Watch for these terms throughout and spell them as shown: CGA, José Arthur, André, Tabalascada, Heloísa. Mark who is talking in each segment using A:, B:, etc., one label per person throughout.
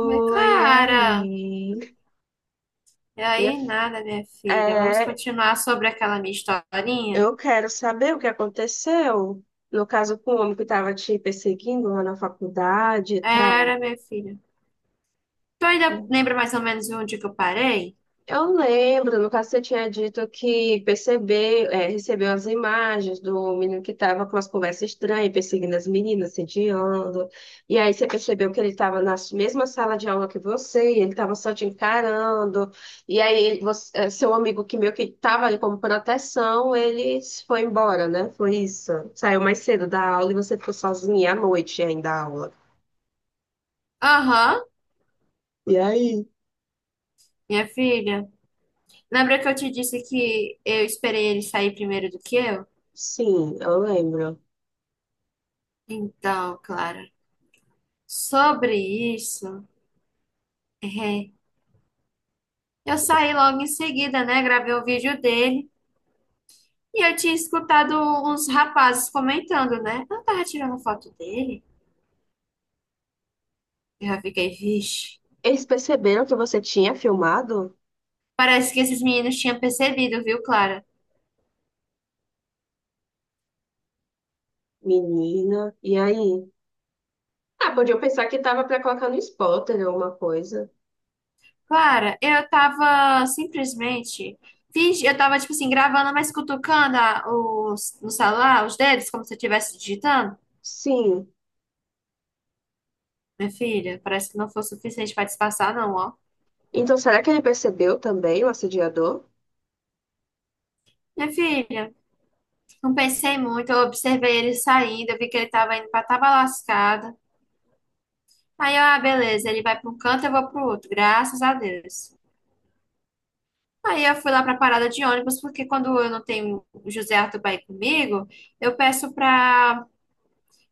A: Oi, Clara.
B: aí.
A: E
B: Minha
A: aí,
B: f-
A: nada, minha filha. Vamos
B: É,
A: continuar sobre aquela minha historinha?
B: eu quero saber o que aconteceu. No caso, com o homem que estava te perseguindo lá na faculdade e tal.
A: Era, minha filha. Tu ainda lembra mais ou menos onde que eu parei?
B: Eu lembro, no caso você tinha dito que percebeu, recebeu as imagens do menino que estava com as conversas estranhas, perseguindo as meninas, sediando. E aí você percebeu que ele estava na mesma sala de aula que você, e ele estava só te encarando. E aí seu amigo que meio que estava ali como proteção, ele se foi embora, né? Foi isso. Saiu mais cedo da aula e você ficou sozinha à noite ainda da aula.
A: Aham,
B: E aí?
A: minha filha. Lembra que eu te disse que eu esperei ele sair primeiro do que eu?
B: Sim, eu lembro.
A: Então, Clara, sobre isso, é, eu saí logo em seguida, né? Gravei o vídeo dele e eu tinha escutado uns rapazes comentando, né? Eu tava tirando foto dele. Eu já fiquei, vixe.
B: Eles perceberam que você tinha filmado?
A: Parece que esses meninos tinham percebido, viu, Clara?
B: Menina, e aí? Ah, podia pensar que tava pra colocar no spotter ou alguma coisa.
A: Clara, eu tava, tipo assim, gravando, mas cutucando os, no celular, os dedos, como se eu estivesse digitando.
B: Sim.
A: Minha filha, parece que não foi o suficiente pra disfarçar, não, ó.
B: Então, será que ele percebeu também o assediador?
A: Minha filha, não pensei muito, eu observei ele saindo, eu vi que ele tava indo pra Tabalascada. Aí, eu, ah, beleza, ele vai pra um canto, eu vou pro outro. Graças a Deus. Aí eu fui lá para a parada de ônibus, porque quando eu não tenho o José Arthur para ir comigo, eu peço para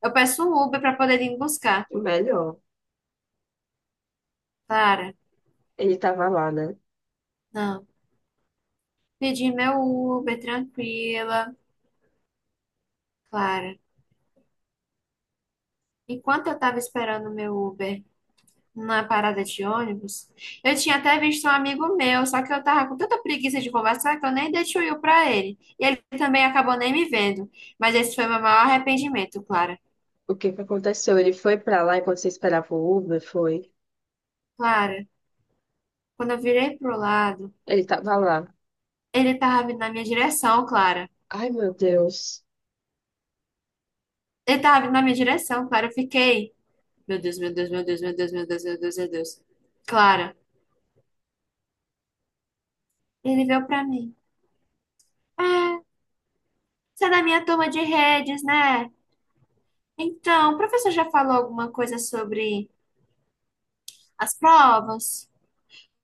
A: eu peço um Uber para poder ir me buscar.
B: Melhor.
A: Clara,
B: Ele tava lá, né?
A: não. Pedi meu Uber, tranquila. Clara, enquanto eu estava esperando o meu Uber na parada de ônibus, eu tinha até visto um amigo meu, só que eu tava com tanta preguiça de conversar que eu nem dei tchuiu para ele. E ele também acabou nem me vendo. Mas esse foi meu maior arrependimento, Clara.
B: O que que aconteceu? Ele foi pra lá enquanto você esperava o Uber, foi?
A: Clara, quando eu virei pro lado,
B: Ele tava lá.
A: ele tava vindo na minha direção, Clara.
B: Ai, meu Deus.
A: Ele tava vindo na minha direção, Clara. Eu fiquei. Meu Deus, meu Deus, meu Deus, meu Deus, meu Deus, meu Deus, meu Deus. Clara, ele veio pra mim. É, você é da minha turma de redes, né? Então, o professor já falou alguma coisa sobre as provas?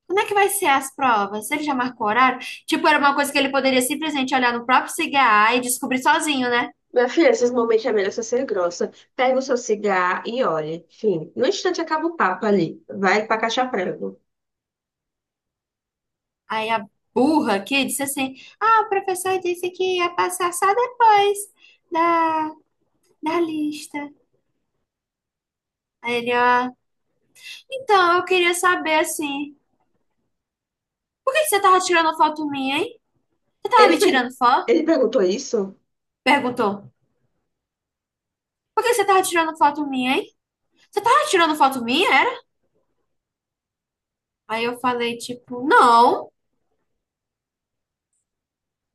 A: Como é que vai ser as provas? Ele já marcou horário? Tipo, era uma coisa que ele poderia simplesmente olhar no próprio CGA e descobrir sozinho, né?
B: Minha filha, esses momentos é melhor você ser grossa. Pega o seu cigarro e olhe. Enfim, no instante acaba o papo ali. Vai pra caixa prego.
A: Aí a burra aqui disse assim: Ah, o professor disse que ia passar só depois da lista. Aí ele, então, eu queria saber, assim, por que que você tava tirando foto minha, hein? Você tava
B: Ele,
A: me
B: per-
A: tirando foto?
B: ele perguntou isso?
A: Perguntou. Por que que você tava tirando foto minha, hein? Você tava tirando foto minha, era? Aí eu falei, tipo, não,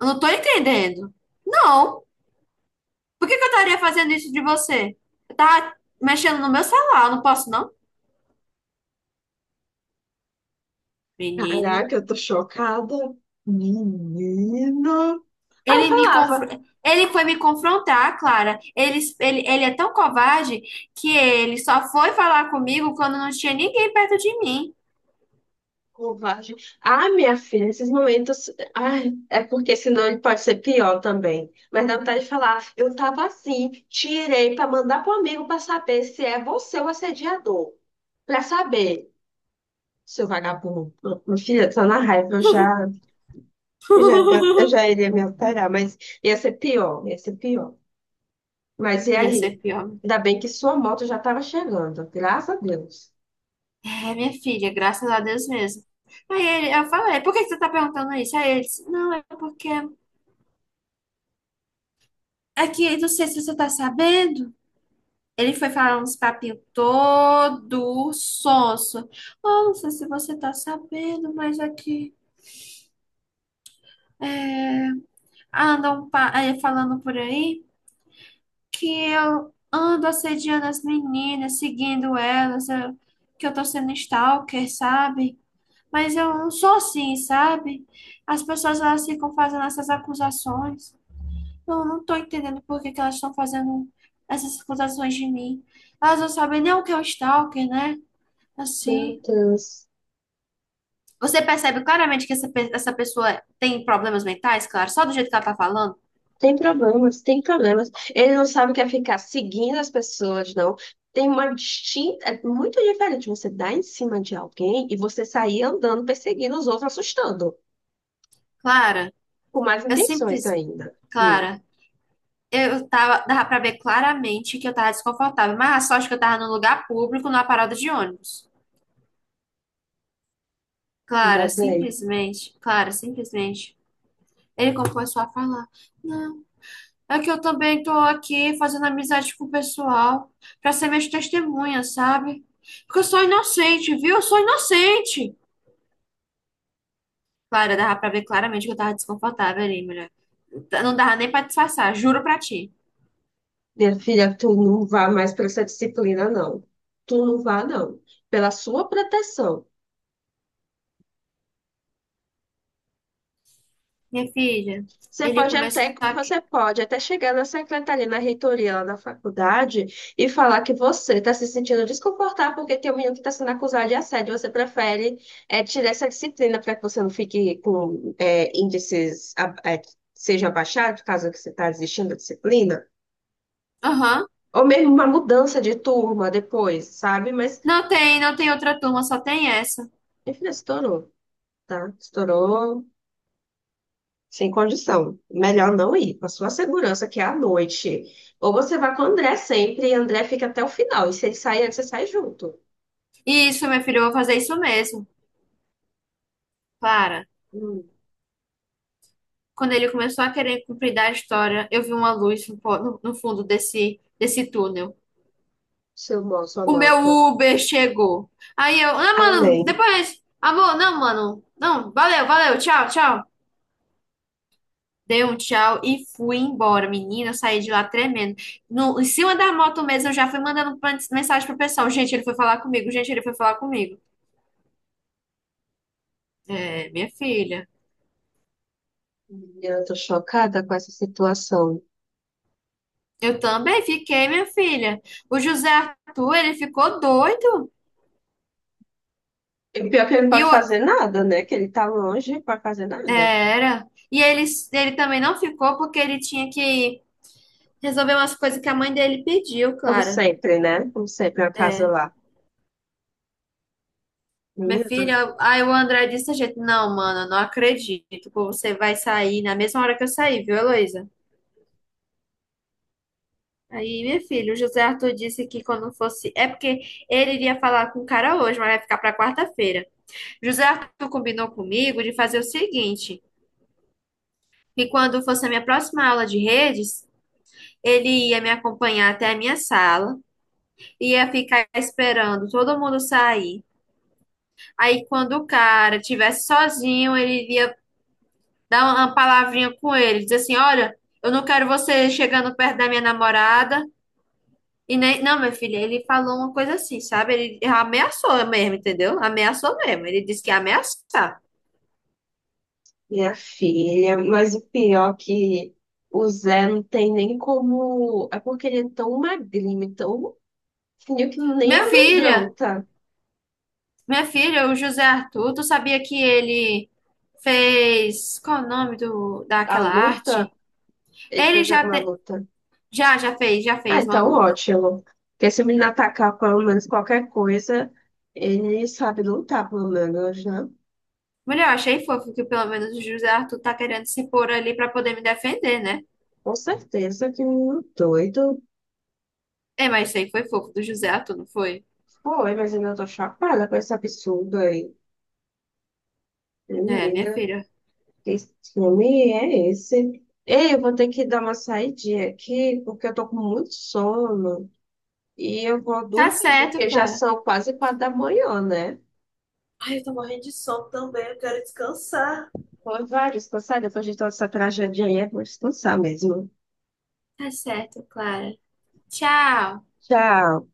A: eu não tô entendendo. Não, por que que eu estaria fazendo isso de você? Eu tava mexendo no meu celular, eu não posso, não? Menina.
B: Caraca, eu tô chocada. Menina. Ah, eu
A: Ele me
B: falava,
A: confro... ele foi me confrontar, Clara. Ele é tão covarde que ele só foi falar comigo quando não tinha ninguém perto de mim.
B: covarde. Ah, minha filha, esses momentos. Ai, é porque senão ele pode ser pior também. Mas dá vontade de falar, eu tava assim, tirei pra mandar pro amigo pra saber se é você o assediador. Pra saber, seu vagabundo. Minha filha, tô na raiva, eu já, eu já iria me alterar, mas ia ser pior, ia ser pior. Mas e
A: Ia ser
B: aí?
A: pior.
B: Ainda bem que sua moto já estava chegando, graças a Deus.
A: É, minha filha, graças a Deus mesmo. Aí ele, eu falei, por que que você tá perguntando isso? Aí ele disse, não, é porque é que não sei se você tá sabendo. Ele foi falar uns papinhos todo sonso. Oh, não sei se você tá sabendo, mas aqui é que, andam falando por aí que eu ando assediando as meninas, seguindo elas, que eu tô sendo stalker, sabe? Mas eu não sou assim, sabe? As pessoas elas ficam fazendo essas acusações. Eu não tô entendendo por que que elas estão fazendo essas acusações de mim. Elas não sabem nem o que é um stalker, né?
B: Meu
A: Assim.
B: Deus.
A: Você percebe claramente que essa pessoa tem problemas mentais, claro, só do jeito que ela tá falando?
B: Tem problemas, tem problemas. Ele não sabe o que é ficar seguindo as pessoas, não. Tem uma distinta. É muito diferente você dar em cima de alguém e você sair andando, perseguindo os outros, assustando.
A: Clara,
B: Com mais
A: eu
B: intenções
A: simples.
B: ainda.
A: Clara. Dava pra ver claramente que eu tava desconfortável, mas a sorte que eu tava no lugar público, numa parada de ônibus.
B: Ainda
A: Clara,
B: bem.
A: simplesmente, Clara, simplesmente. Ele começou a falar: Não, é que eu também tô aqui fazendo amizade com o pessoal, pra ser minhas testemunhas, sabe? Porque eu sou inocente, viu? Eu sou inocente. Clara, dava pra ver claramente que eu tava desconfortável ali, mulher. Não dava nem pra disfarçar, juro pra ti.
B: Minha filha, tu não vá mais para essa disciplina, não. Tu não vá, não. Pela sua proteção.
A: Minha filha, ele começou a.
B: Você pode até chegar na secretaria, na reitoria lá da faculdade e falar que você está se sentindo desconfortável porque tem um menino que está sendo acusado de assédio. Você prefere tirar essa disciplina para que você não fique com índices que sejam abaixados, caso que você está desistindo da disciplina.
A: Aham.
B: Ou mesmo uma mudança de turma depois, sabe? Mas,
A: Não tem, não tem outra turma, só tem essa.
B: enfim, estourou, tá? Estourou. Sem condição. Melhor não ir, com a sua segurança, que é à noite. Ou você vai com o André sempre, e André fica até o final. E se ele sair antes, você sai junto.
A: E isso, meu filho, eu vou fazer isso mesmo. Para.
B: Hum,
A: Quando ele começou a querer cumprir da história, eu vi uma luz no fundo desse túnel.
B: sua
A: O meu
B: moto.
A: Uber chegou. Aí eu, ah, mano,
B: Amém.
A: depois. Amor, não, mano. Não, valeu, valeu, tchau, tchau. Dei um tchau e fui embora. Menina, eu saí de lá tremendo. No, em cima da moto mesmo, eu já fui mandando mensagem pro pessoal. Gente, ele foi falar comigo. Gente, ele foi falar comigo. É, minha filha.
B: Menina, eu tô chocada com essa situação.
A: Eu também fiquei, minha filha. O José Arthur, ele ficou doido.
B: E o pior é que ele não
A: E
B: pode
A: o...
B: fazer nada, né? Que ele tá longe, não pode fazer
A: é,
B: nada.
A: Era. E ele, também não ficou porque ele tinha que resolver umas coisas que a mãe dele pediu,
B: Como
A: Clara.
B: sempre, né? Como sempre, a casa
A: É.
B: lá.
A: Minha
B: Menina, eu
A: filha, aí o André disse a gente, não, mano, eu não acredito que você vai sair na mesma hora que eu saí, viu, Heloísa? Aí, minha filha, o José Arthur disse que quando fosse. É porque ele iria falar com o cara hoje, mas vai ficar pra quarta-feira. José Arthur combinou comigo de fazer o seguinte. E quando fosse a minha próxima aula de redes, ele ia me acompanhar até a minha sala, ia ficar esperando todo mundo sair. Aí, quando o cara estivesse sozinho, ele ia dar uma palavrinha com ele, dizer assim: Olha, eu não quero você chegando perto da minha namorada. E nem, não, meu filho, ele falou uma coisa assim, sabe? Ele ameaçou mesmo, entendeu? Ameaçou mesmo. Ele disse que ia ameaçar.
B: minha filha, mas o pior é que o Zé não tem nem como. É porque ele é tão magrinho, tão fingiu que nem
A: Minha filha,
B: amedronta
A: Minha filha, o José Arthur, tu sabia que ele fez. Qual é o nome
B: a
A: daquela
B: luta.
A: arte?
B: Ele
A: Ele
B: fez
A: já,
B: alguma
A: te-
B: luta.
A: já, já
B: Ah,
A: fez uma
B: então
A: luta.
B: ótimo. Porque se o menino atacar pelo menos qualquer coisa, ele sabe lutar, pelo menos, né?
A: Mulher, eu achei fofo que pelo menos o José Arthur tá querendo se pôr ali pra poder me defender, né?
B: Com certeza que o menino doido
A: É, mas isso aí foi fofo do José Arthur, não foi?
B: foi, mas ainda tô chapada com esse absurdo aí.
A: É, minha
B: Menina,
A: filha.
B: que filme é esse? Ei, eu vou ter que dar uma saidinha aqui, porque eu tô com muito sono. E eu vou
A: Tá
B: dormir,
A: certo,
B: porque já
A: Clara.
B: são quase 4 da manhã, né?
A: Ai, eu tô morrendo de sono também, eu quero descansar.
B: Foi vários, cansar depois de toda essa tragédia aí, é bom descansar mesmo.
A: Tá certo, Clara. Tchau.
B: Tchau.